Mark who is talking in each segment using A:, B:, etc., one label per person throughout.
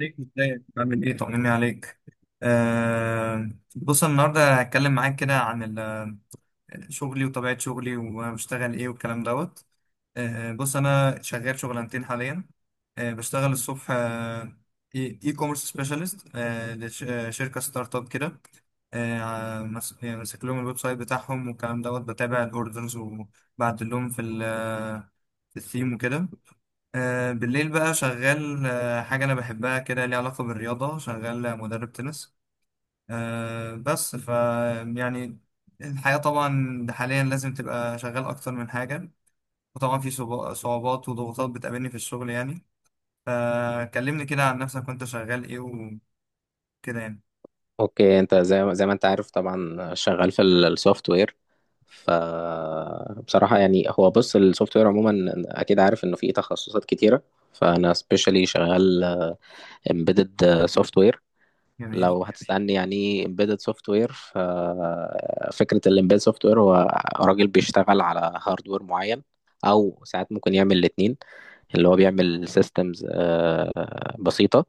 A: ليك ازاي؟ بعمل ايه؟ طمني عليك. آه. بص، أنا النهارده هتكلم معاك كده عن شغلي وطبيعه شغلي وبشتغل ايه والكلام دوت. بص، انا شغال شغلانتين حاليا. بشتغل الصبح، اي كوميرس سبيشالست لشركه ستارت اب كده. يعني ماسك لهم الويب سايت بتاعهم والكلام دوت، بتابع الاوردرز وبعدل لهم في الثيم وكده. بالليل بقى شغال، حاجة أنا بحبها كده ليها علاقة بالرياضة، شغال مدرب تنس. بس يعني الحياة طبعا حاليا لازم تبقى شغال أكتر من حاجة، وطبعا في صعوبات وضغوطات بتقابلني في الشغل، يعني. فكلمني كده عن نفسك، وأنت شغال إيه وكده، يعني.
B: اوكي، انت زي ما انت عارف طبعا شغال في السوفت وير. ف بصراحه يعني، هو بص، السوفت وير عموما اكيد عارف انه فيه تخصصات كتيره. فانا سبيشالي شغال امبيدد سوفت وير.
A: جميل.
B: لو هتسالني يعني امبيدد سوفت وير، ففكره الامبيدد سوفت وير هو راجل بيشتغل على هاردوير معين، او ساعات ممكن يعمل الاتنين، اللي هو بيعمل سيستمز بسيطه.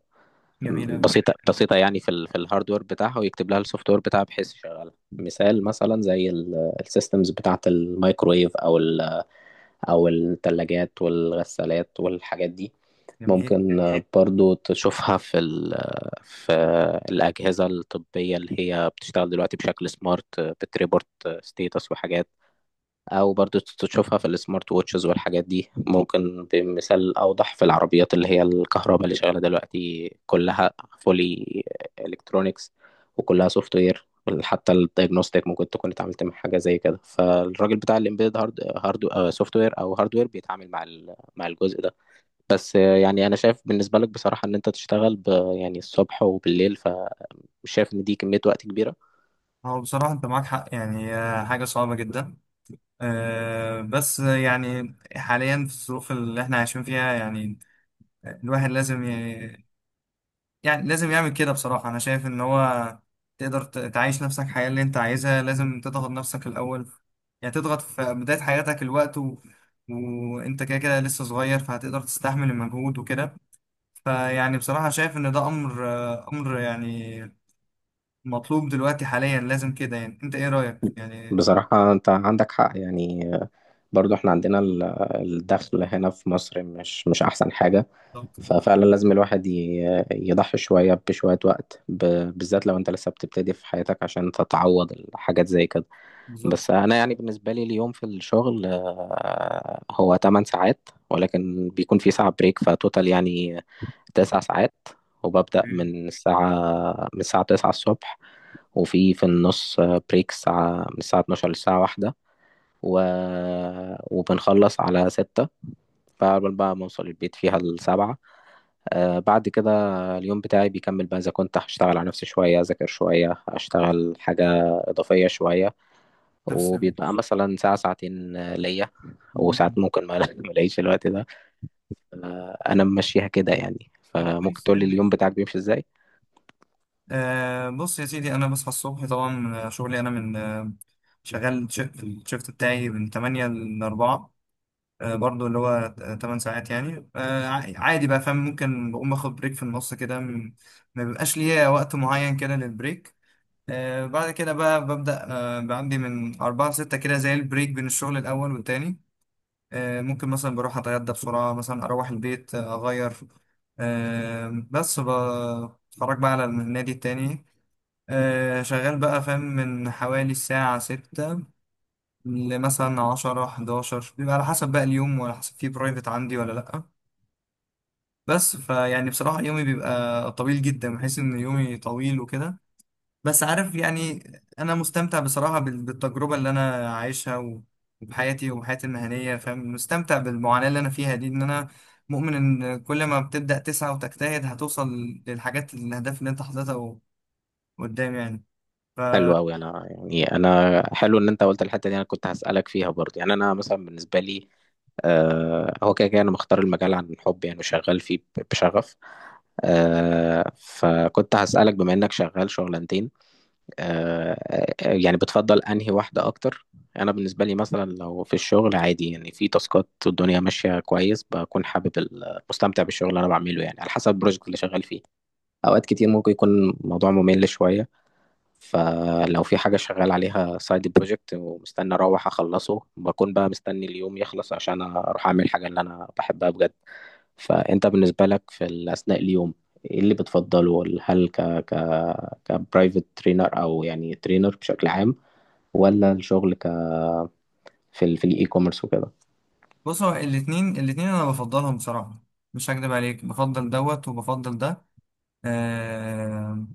A: جميل أوي.
B: بسيطة يعني، في الهاردوير بتاعها ويكتب لها السوفت وير بتاعها بحيث يشغلها. مثلا زي السيستمز بتاعة الميكرويف أو الثلاجات والغسالات والحاجات دي.
A: جميل.
B: ممكن برضو تشوفها في الأجهزة الطبية اللي هي بتشتغل دلوقتي بشكل سمارت، بتريبورت ستيتس وحاجات. او برضو تشوفها في السمارت ووتشز والحاجات دي. ممكن بمثال اوضح في العربيات اللي هي الكهرباء اللي شغاله دلوقتي كلها فولي الكترونكس، وكلها سوفت وير. حتى الدايجنوستيك ممكن تكون اتعاملت مع حاجه زي كده. فالراجل بتاع الامبيد هارد وير بيتعامل مع مع الجزء ده. بس يعني انا شايف بالنسبه لك بصراحه ان انت تشتغل يعني الصبح وبالليل، فمش شايف ان دي كميه وقت كبيره.
A: هو بصراحة أنت معاك حق، يعني حاجة صعبة جدا. بس يعني حاليا في الظروف اللي احنا عايشين فيها، يعني الواحد لازم، يعني لازم يعمل كده. بصراحة أنا شايف إن هو تقدر تعيش نفسك الحياة اللي أنت عايزها، لازم تضغط نفسك الأول. يعني تضغط في بداية حياتك الوقت، وأنت كده كده لسه صغير، فهتقدر تستحمل المجهود وكده. فيعني بصراحة شايف إن ده أمر، يعني مطلوب دلوقتي حاليا، لازم كده. يعني أنت إيه رأيك، يعني؟
B: بصراحه انت عندك حق يعني، برضو احنا عندنا الدخل هنا في مصر مش احسن حاجة.
A: بالظبط.
B: ففعلا لازم الواحد يضحي شوية بشوية وقت، بالذات لو انت لسه بتبتدي في حياتك عشان تتعوض الحاجات زي كده.
A: بالظبط.
B: بس انا يعني بالنسبة لي، اليوم في الشغل، هو 8 ساعات، ولكن بيكون في ساعة بريك، فتوتال يعني 9 ساعات. وببدأ من الساعة 9 الصبح، وفي النص بريك الساعة، من الساعة 12 للساعة 1، و... وبنخلص على ستة. فعقبال بقى ما أوصل البيت فيها السبعة. آه، بعد كده اليوم بتاعي بيكمل بقى، إذا كنت هشتغل على نفسي شوية، أذاكر شوية، أشتغل حاجة إضافية شوية.
A: تسلم.
B: وبيبقى مثلا ساعة ساعتين ليا. وساعات
A: مم.
B: ممكن ما ما الاقيش الوقت ده. آه، أنا ممشيها كده يعني.
A: طب
B: فممكن
A: كويس،
B: تقول لي
A: حلو.
B: اليوم بتاعك بيمشي إزاي؟
A: بص يا سيدي، أنا بصحى الصبح طبعا، شغلي أنا من، شغال في الشفت بتاعي من 8 ل 4. برضو اللي هو 8 ساعات، يعني عادي بقى، فاهم؟ ممكن بقوم آخد بريك في النص كده، ما بيبقاش ليا وقت معين كده للبريك. بعد كده بقى ببدأ، بعندي من 4 ل 6 كده، زي البريك بين الشغل الأول والتاني. ممكن مثلا بروح أتغدى بسرعة، مثلا أروح البيت، أغير. بس بتفرج بقى على النادي التاني. شغال بقى، فاهم، من حوالي الساعة 6 لمثلا 10، 11، بيبقى على حسب بقى اليوم وعلى حسب فيه برايفت عندي ولا لأ. بس فيعني بصراحة يومي بيبقى طويل جدا، بحس إن يومي طويل وكده. بس عارف، يعني أنا مستمتع بصراحة بالتجربة اللي أنا عايشها، وبحياتي المهنية، فاهم؟ مستمتع بالمعاناة اللي أنا فيها دي، إن أنا مؤمن إن كل ما بتبدأ تسعى وتجتهد هتوصل للحاجات، الأهداف اللي أنت حاططها قدام، يعني.
B: حلو أوي. أنا يعني، أنا حلو إن أنت قلت الحتة دي، أنا كنت هسألك فيها برضه. يعني أنا مثلا بالنسبة لي، هو كده كده انا مختار المجال عن حب يعني، وشغال فيه بشغف. فكنت هسألك، بما انك شغال شغلانتين، آه، يعني بتفضل انهي واحدة اكتر. انا بالنسبة لي مثلا، لو في الشغل عادي يعني، في تاسكات والدنيا ماشية كويس، بكون حابب مستمتع بالشغل اللي انا بعمله، يعني على حسب البروجكت اللي شغال فيه. اوقات كتير ممكن يكون الموضوع ممل شوية. فلو في حاجة شغال عليها سايد بروجكت ومستني أروح أخلصه، بكون بقى مستني اليوم يخلص عشان أروح أعمل الحاجة اللي أنا بحبها بجد. فأنت بالنسبة لك، في أثناء اليوم، إيه اللي بتفضله؟ هل ك ك كبرايفت ترينر، أو يعني ترينر بشكل عام، ولا الشغل في الإي كوميرس وكده؟
A: بص هو الاتنين انا بفضلهم بصراحة، مش هكدب عليك، بفضل دوت وبفضل ده. آه.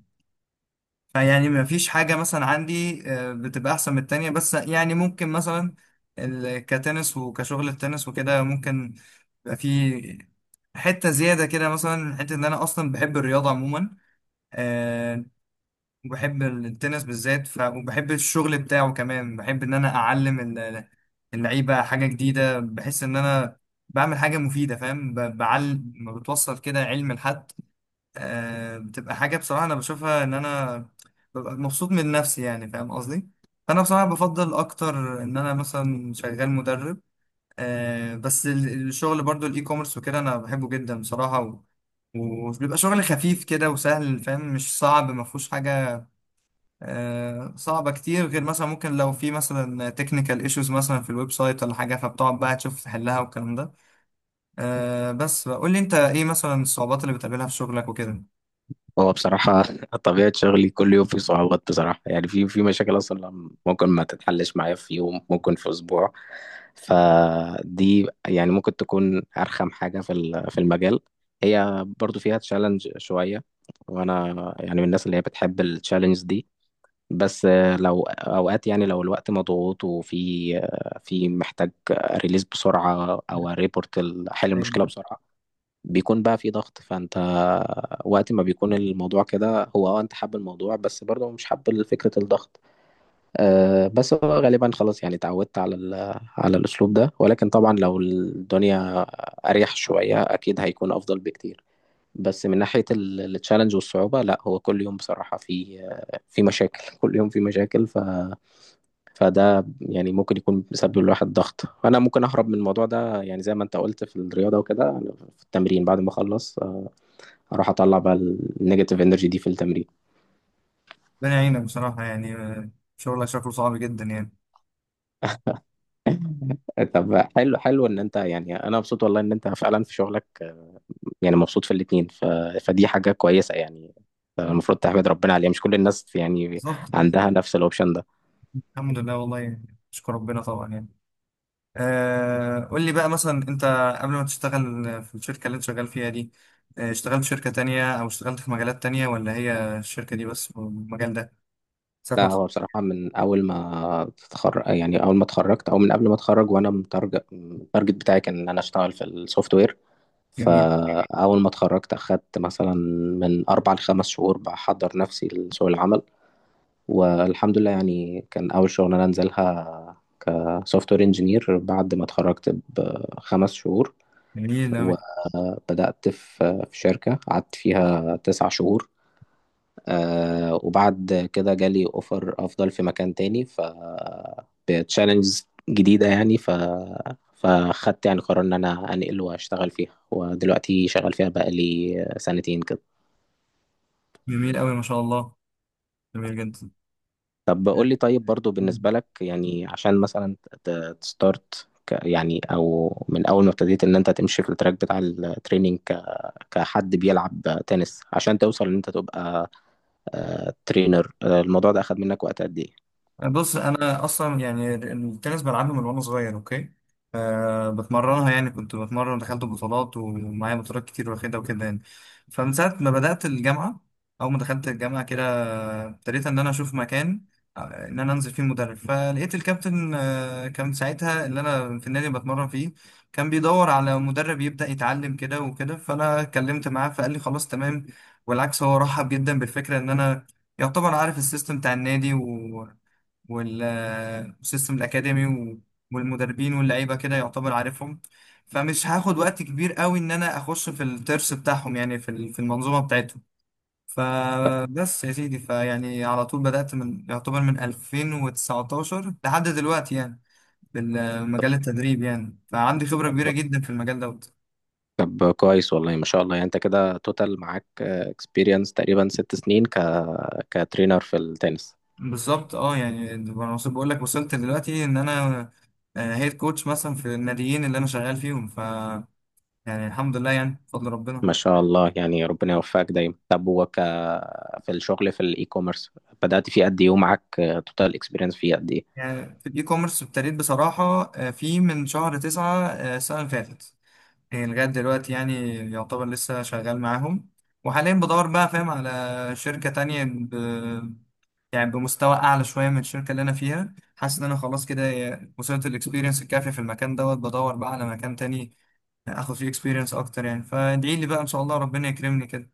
A: فيعني ما فيش حاجة مثلا عندي بتبقى احسن من التانية، بس يعني ممكن مثلا كتنس وكشغل التنس وكده، ممكن يبقى في حتة زيادة كده، مثلا حتة ان انا اصلا بحب الرياضة عموما، آه، وبحب التنس بالذات، وبحب الشغل بتاعه كمان. بحب ان انا اعلم اللعيبه حاجه جديده، بحس ان انا بعمل حاجه مفيده، فاهم؟ ما بتوصل كده علم لحد. بتبقى حاجه بصراحه انا بشوفها، ان انا ببقى مبسوط من نفسي، يعني فاهم قصدي. فانا بصراحه بفضل اكتر ان انا مثلا شغال مدرب. بس الشغل برضو، الاي كوميرس وكده، انا بحبه جدا بصراحه، وبيبقى شغل خفيف كده وسهل، فاهم؟ مش صعب، ما فيهوش حاجه صعبة كتير، غير مثلا ممكن لو في مثلا تكنيكال ايشوز مثلا في الويب سايت ولا حاجة، فبتقعد بقى تشوف تحلها والكلام ده. بس قول لي انت ايه مثلا الصعوبات اللي بتقابلها في شغلك وكده؟
B: هو بصراحة طبيعة شغلي كل يوم في صعوبات بصراحة، يعني في مشاكل أصلا ممكن ما تتحلش معايا في يوم، ممكن في أسبوع. فدي يعني ممكن تكون أرخم حاجة في في المجال. هي برضو فيها تشالنج شوية، وأنا يعني من الناس اللي هي بتحب التشالنج دي. بس لو أوقات يعني، لو الوقت مضغوط، وفي في محتاج ريليز بسرعة، أو ريبورت حل
A: يعني
B: المشكلة بسرعة، بيكون بقى في ضغط. فانت وقت ما بيكون الموضوع كده، هو اه انت حابب الموضوع بس برضه مش حابب فكرة الضغط. أه بس هو غالبا خلاص يعني اتعودت على على الاسلوب ده. ولكن طبعا لو الدنيا اريح شوية اكيد هيكون افضل بكتير. بس من ناحية التشالنج والصعوبة، لا هو كل يوم بصراحة في في مشاكل. كل يوم في مشاكل. فده يعني ممكن يكون بيسبب الواحد ضغط. انا ممكن اهرب من الموضوع ده يعني، زي ما انت قلت في الرياضه وكده، في التمرين بعد ما اخلص اروح اطلع بقى النيجاتيف انرجي دي في التمرين.
A: ربنا يعينك بصراحة، يعني شغلك شكله صعب جدا، يعني.
B: طب حلو، ان انت يعني، انا مبسوط والله ان انت فعلا في شغلك يعني مبسوط في الاتنين. فدي حاجة كويسة يعني،
A: آه.
B: المفروض تحمد ربنا عليها. مش كل الناس يعني
A: بالظبط.
B: عندها نفس الاوبشن ده.
A: الحمد لله، والله يعني اشكر ربنا طبعا، يعني قول لي بقى، مثلا انت قبل ما تشتغل في الشركة اللي انت شغال فيها دي، اشتغلت في شركة تانية او اشتغلت في مجالات تانية، ولا هي الشركة دي بس والمجال ده؟ ساعة
B: لا
A: ما.
B: هو بصراحة من اول ما تتخرج يعني، اول ما اتخرجت، او من قبل ما اتخرج وانا متارجت، التارجت بتاعي كان ان انا اشتغل في السوفت وير.
A: تخرج.
B: فاول ما اتخرجت اخدت مثلا من اربع لخمس شهور بحضر نفسي لسوق العمل. والحمد لله يعني، كان أول شغلانة أنزلها كسوفت وير انجينير بعد ما اتخرجت بخمس شهور.
A: جميل أوي.
B: وبدأت في في شركة قعدت فيها تسع شهور. آه، وبعد كده جالي أوفر أفضل في مكان تاني، بتشالنجز جديدة يعني. فخدت يعني قرار إن أنا أنقل وأشتغل فيها، ودلوقتي شغال فيها بقالي سنتين كده.
A: جميل أوي، ما شاء الله. جميل
B: طب
A: جدا.
B: قول لي طيب، برضو بالنسبة لك يعني، عشان مثلا تستارت يعني، او من اول ما ابتديت ان انت تمشي في التراك بتاع التريننج كحد بيلعب تنس، عشان توصل ان انت تبقى ترينر، الموضوع ده اخد منك وقت قد ايه؟
A: بص انا اصلا، يعني التنس بلعبه من وانا صغير، اوكي. بتمرنها، يعني كنت بتمرن، دخلت بطولات ومعايا بطولات كتير واخدها وكده، يعني. فمن ساعه ما بدات الجامعه، اول ما دخلت الجامعه كده، ابتديت ان انا اشوف مكان ان انا انزل فيه مدرب، فلقيت الكابتن كان ساعتها اللي انا في النادي بتمرن فيه كان بيدور على مدرب يبدا يتعلم كده وكده، فانا اتكلمت معاه فقال لي خلاص تمام. والعكس، هو رحب جدا بالفكره ان انا يعتبر عارف السيستم بتاع النادي وال- والسيستم الأكاديمي والمدربين واللعيبة، كده يعتبر عارفهم، فمش هاخد وقت كبير قوي إن أنا أخش في الترس بتاعهم، يعني في المنظومة بتاعتهم. فبس يا سيدي، فيعني على طول بدأت من، يعتبر، من 2019 لحد دلوقتي، يعني بالمجال، التدريب، يعني فعندي خبرة كبيرة جدا في المجال دوت.
B: طب كويس، والله ما شاء الله. يعني انت كده توتال معاك اكسبيرينس تقريبا 6 سنين كترينر في التنس.
A: بالظبط. اه يعني بقول لك، وصلت دلوقتي ان انا هيد كوتش مثلا في الناديين اللي انا شغال فيهم، يعني الحمد لله، يعني بفضل ربنا.
B: ما شاء الله يعني، ربنا يوفقك دايما. طب وك في الشغل في الاي كوميرس، بدأت فيه قد ايه، ومعاك توتال اكسبيرينس فيه قد ايه؟
A: يعني في الاي كوميرس ابتديت بصراحة، من شهر 9، السنة اللي فاتت، يعني لغاية دلوقتي، يعني يعتبر لسه شغال معاهم. وحاليا بدور بقى، فاهم، على شركة تانية، يعني بمستوى أعلى شوية من الشركة اللي أنا فيها، حاسس إن أنا خلاص كده وصلت الإكسبيرينس الكافية في المكان دوت، بدور بقى على مكان تاني آخد فيه إكسبيرينس أكتر، يعني فادعي لي بقى، إن شاء الله ربنا يكرمني كده.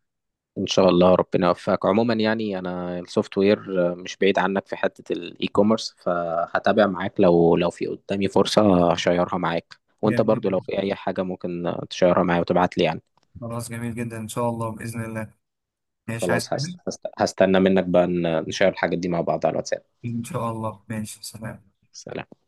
B: ان شاء الله ربنا يوفقك. عموما يعني انا السوفت وير مش بعيد عنك في حتة الاي كوميرس، فهتابع معاك، لو في قدامي فرصة هشيرها معاك. وانت
A: جميل
B: برضو لو
A: جدا.
B: في اي حاجة ممكن تشيرها معايا وتبعت لي يعني.
A: خلاص، جميل جدا. إن شاء الله، بإذن الله. ماشي، عايز
B: خلاص،
A: حاجة؟
B: هستنى منك بقى نشير الحاجات دي مع بعض على الواتساب.
A: إن شاء الله، ماشي، سلام.
B: سلام.